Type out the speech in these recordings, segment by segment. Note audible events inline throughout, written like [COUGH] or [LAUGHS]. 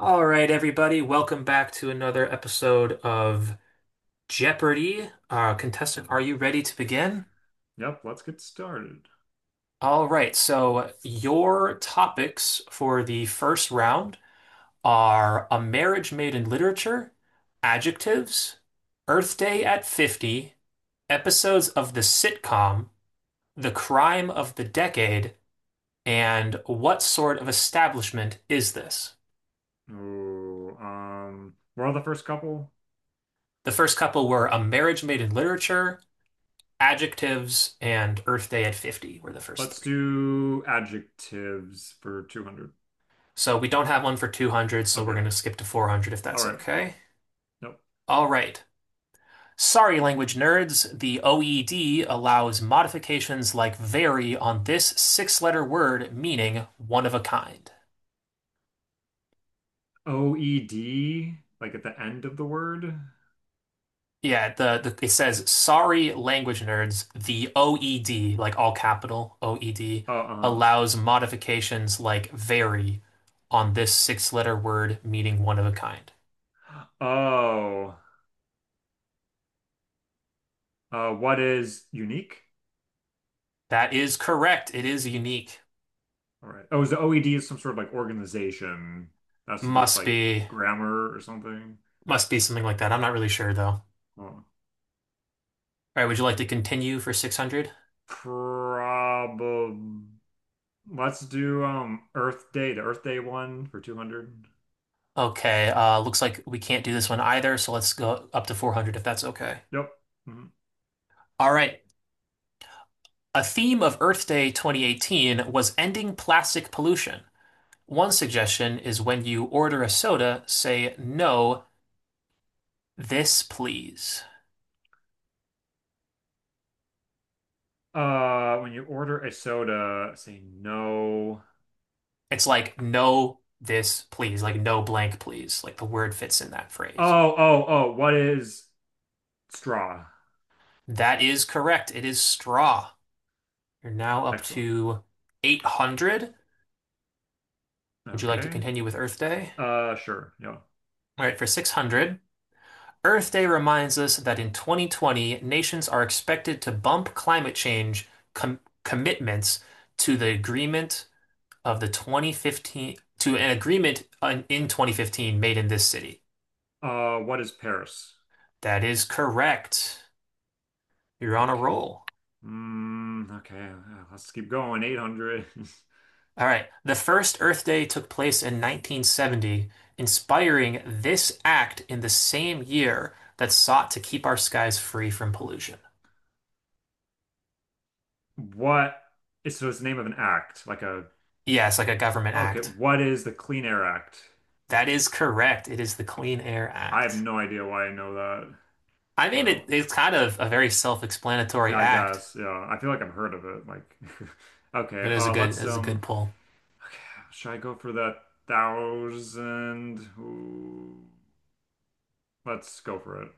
All right, everybody, welcome back to another episode of Jeopardy! Contestant, are you ready to begin? Yep, let's get started. All right, so your topics for the first round are a marriage made in literature, adjectives, Earth Day at 50, episodes of the sitcom, the crime of the decade, and what sort of establishment is this? Oh, we're on the first couple. The first couple were a marriage made in literature, adjectives and Earth Day at 50 were the first Let's three. do adjectives for 200. So we don't have one for 200, so we're Okay. going to skip to 400 if All that's right. okay. Nope. All right. Sorry, language nerds, the OED allows modifications like vary on this six letter word meaning one of a kind. OED, like at the end of the word. Yeah, the it says sorry, language nerds, the OED, like all capital OED, Oh, uh-huh. allows modifications like vary on this six letter word meaning one of a kind. Oh, what is unique? That is correct. It is unique. All right. Oh, is the OED is some sort of like organization that has to do with Must like be grammar or something? must be something like that. I'm not really sure though. All Oh. right, would you like to continue for 600? Probably. Let's do Earth Day, the Earth Day one for 200. Okay, looks like we can't do this one either, so let's go up to 400 if that's okay. Yep. Mhm. All right. A theme of Earth Day 2018 was ending plastic pollution. One suggestion is when you order a soda, say no, this please. When you order a soda, say no. It's like no, this please, like no blank please. Like the word fits in that phrase. Oh, oh, what is straw? That is correct. It is straw. You're now up Excellent. to 800. Would you like to Okay. continue with Earth Day? Sure. Yeah. All right, for 600, Earth Day reminds us that in 2020, nations are expected to bump climate change com commitments to the agreement of the 2015 to an agreement in 2015 made in this city. What is Paris? That is correct. You're on a Okay. roll. Okay. Let's keep going. 800. [LAUGHS] All right. The first Earth Day took place in 1970, inspiring this act in the same year that sought to keep our skies free from pollution. What is so it's the name of an act, like a Yeah, it's like a government okay, act. what is the Clean Air Act? That is correct. It is the Clean Air I have Act. no idea why I know that. I mean, Uh, it's kind of a very self-explanatory I act, guess, yeah. I feel like I've heard of it. Like, [LAUGHS] but okay, it is a good, it let's is a good pull. Okay, should I go for that thousand? Ooh, let's go for it.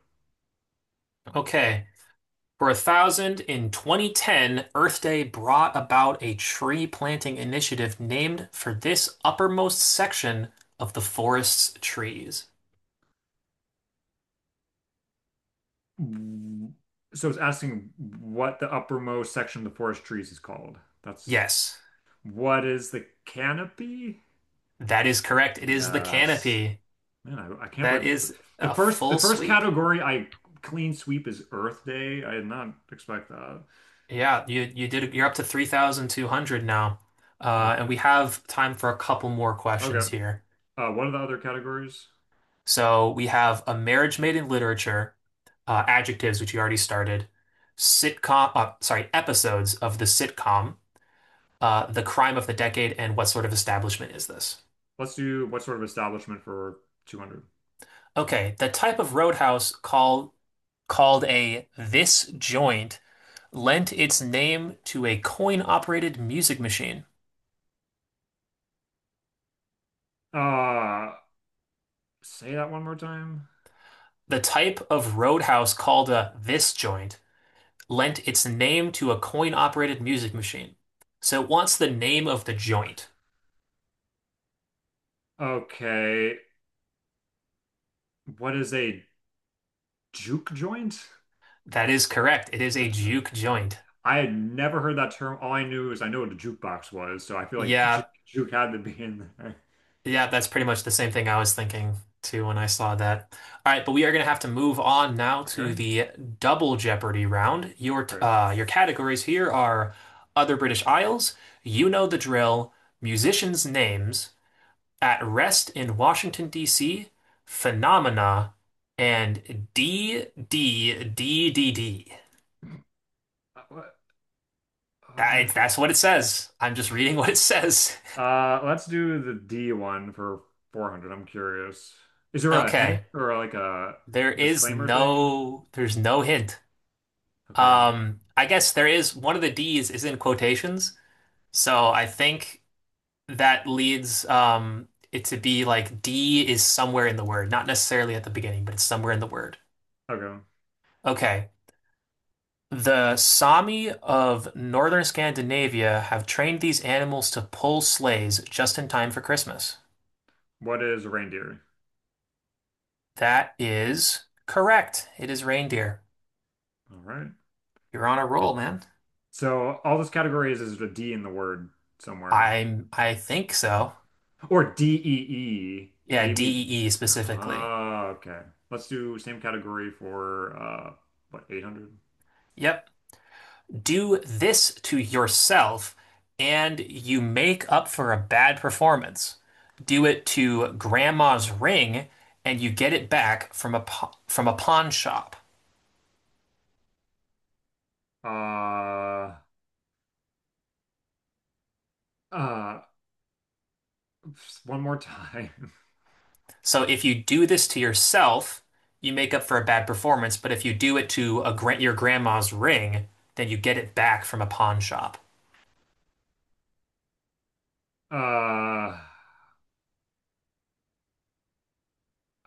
Okay. For a thousand in 2010, Earth Day brought about a tree planting initiative named for this uppermost section of the forest's trees. Mm, So it's asking what the uppermost section of the forest trees is called. That's Yes, What is the canopy? that is correct. It is the Yes. canopy. Man, I can't That believe it. is the a first the full first sweep. category I clean sweep is Earth Day. I did not expect that. Yeah, you're up to 3,200 now. And Okay. we have time for a couple more questions Okay. here. What are the other categories? So we have a marriage made in literature, adjectives, which you already started, episodes of the sitcom, the crime of the decade, and what sort of establishment is this? Let's do what sort of establishment for 200. Okay, the type of roadhouse called a this joint lent its name to a coin-operated music machine. Uh, Say that one more time. The type of roadhouse called a this joint lent its name to a coin-operated music machine. So it wants the name of the joint. Okay. What is a juke joint? That is correct. It is a Okay. juke joint. I had never heard that term. All I knew is I know what a jukebox was, so I feel like Yeah, juke had to be in there. yeah, that's pretty much the same thing I was thinking too when I saw that. All right, but we are going to have to move on now to Okay, the double Jeopardy round. Your t- great. uh, your categories here are other British Isles, you know the drill, musicians' names, At Rest in Washington, D.C., Phenomena, and d d d d D. What, That, what? that's what it says. I'm just reading [LAUGHS] what it says. Let's do the D one for 400. I'm curious. Is there a hint Okay. or like a disclaimer thing? There's no hint. Okay. I guess there is one of the D's is in quotations, so I think that leads it to be like D is somewhere in the word, not necessarily at the beginning, but it's somewhere in the word. Okay. Okay. The Sami of northern Scandinavia have trained these animals to pull sleighs just in time for Christmas. What is reindeer? That is correct. It is reindeer. All right. You're on a roll, man. So all this category is a D in the word somewhere. I think so. Or Dee, Yeah, maybe. D specifically. Ah, okay. Let's do same category for what 800? Yep. Do this to yourself and you make up for a bad performance. Do it to grandma's ring and you get it back from from a pawn shop. Uh uh just one more time. [LAUGHS] So if you do this to yourself, you make up for a bad performance, but if you do it to your grandma's ring, then you get it back from a pawn shop. Uh,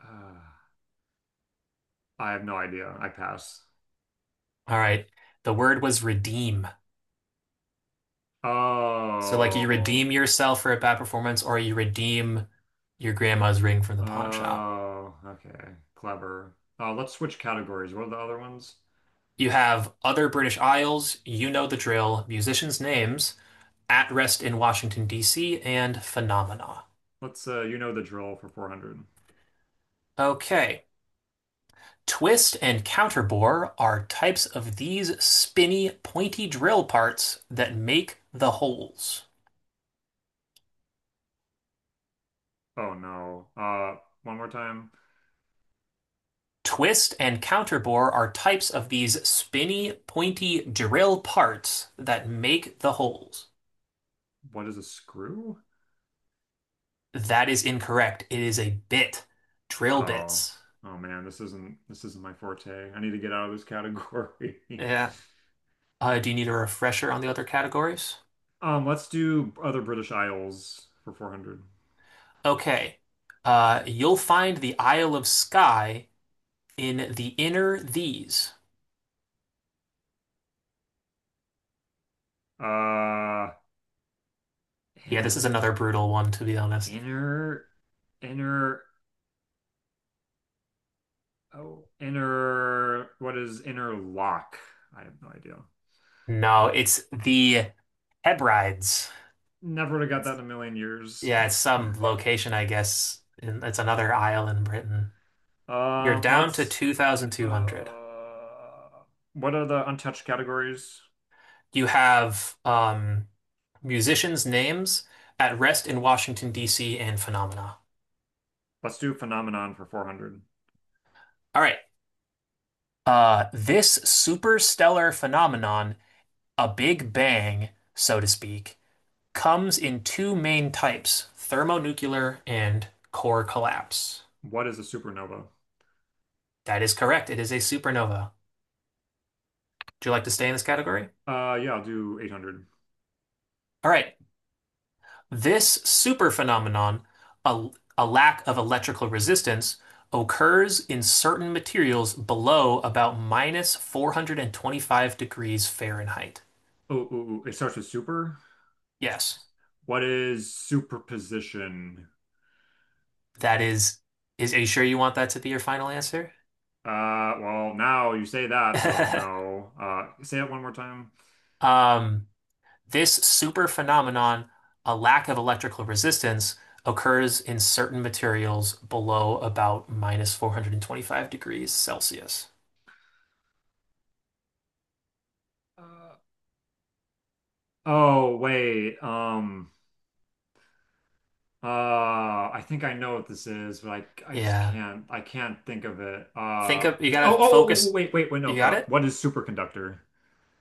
uh I have no idea. I pass. All right. The word was redeem. So like you Oh. redeem yourself for a bad performance or you redeem your grandma's ring from the pawn shop. Oh, okay. Clever. Uh, let's switch categories. What are the other ones? You have other British Isles, you know the drill, musicians' names, At Rest in Washington, D.C., and Phenomena. Let's you know the drill for 400. Okay. Twist and counterbore are types of these spinny, pointy drill parts that make the holes. Oh no. One more time. Twist and counterbore are types of these spinny, pointy drill parts that make the holes. What is a screw? That is incorrect. It is a bit. Drill Oh, bits. oh man, this isn't my forte. I need to get out of this category. [LAUGHS] Yeah. Do you need a refresher on the other categories? Let's do other British Isles for 400. Okay. You'll find the Isle of Skye in the inner these. Uh, Yeah, this is inner, another brutal one, to be honest. inner, inner, what is inner lock? I have no idea. No, it's the Hebrides. Never would have got that It's in a million years. yeah, it's [LAUGHS] some location, I guess. It's another isle in Britain. You're Uh, down to let's, 2,200. uh, what are the untouched categories? You have musicians' names at rest in Washington, D.C. and phenomena. Let's do phenomenon for 400. All right. This superstellar phenomenon, a Big Bang, so to speak, comes in two main types, thermonuclear and core collapse. What is a supernova? That is correct. It is a supernova. Do you like to stay in this category? Yeah, I'll do 800. All right. This super phenomenon, a, a lack of electrical resistance, occurs in certain materials below about minus 425 degrees Fahrenheit. It starts with super. Yes, What is superposition? that is, are you sure you want that to be your final answer? Well, now you say that, so [LAUGHS] no. Say it one more time. Um, this super phenomenon, a lack of electrical resistance, occurs in certain materials below about minus 425 degrees Celsius. Uh, oh, Wait. I think I know what this is, but I just Yeah. can't, I can't think of it. Think Uh, of you oh, oh, gotta oh, oh, focus. wait, wait, wait, no. You got it? What is superconductor?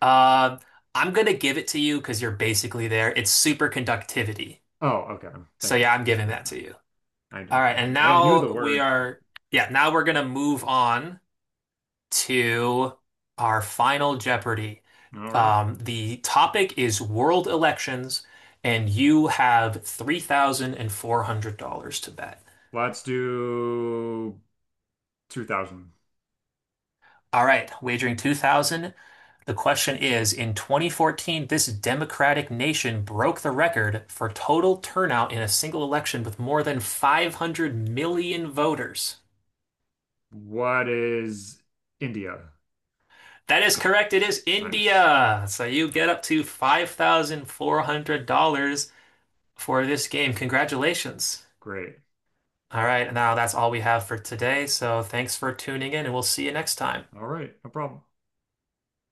Uh, I'm gonna give it to you because you're basically there. It's superconductivity. Oh, okay. So Thank yeah, you. I'm giving that to you. All right, Okay. and I knew the now we word. are yeah, now we're gonna move on to our final Jeopardy. All right. The topic is world elections, and you have $3,400 to bet. Let's do 2000. All right, wagering 2000. The question is, in 2014, this democratic nation broke the record for total turnout in a single election with more than 500 million voters. What is India? That is correct. It is Nice. India. So you get up to $5,400 for this game. Congratulations. Great. All right, now that's all we have for today. So thanks for tuning in, and we'll see you next time. All right. No problem.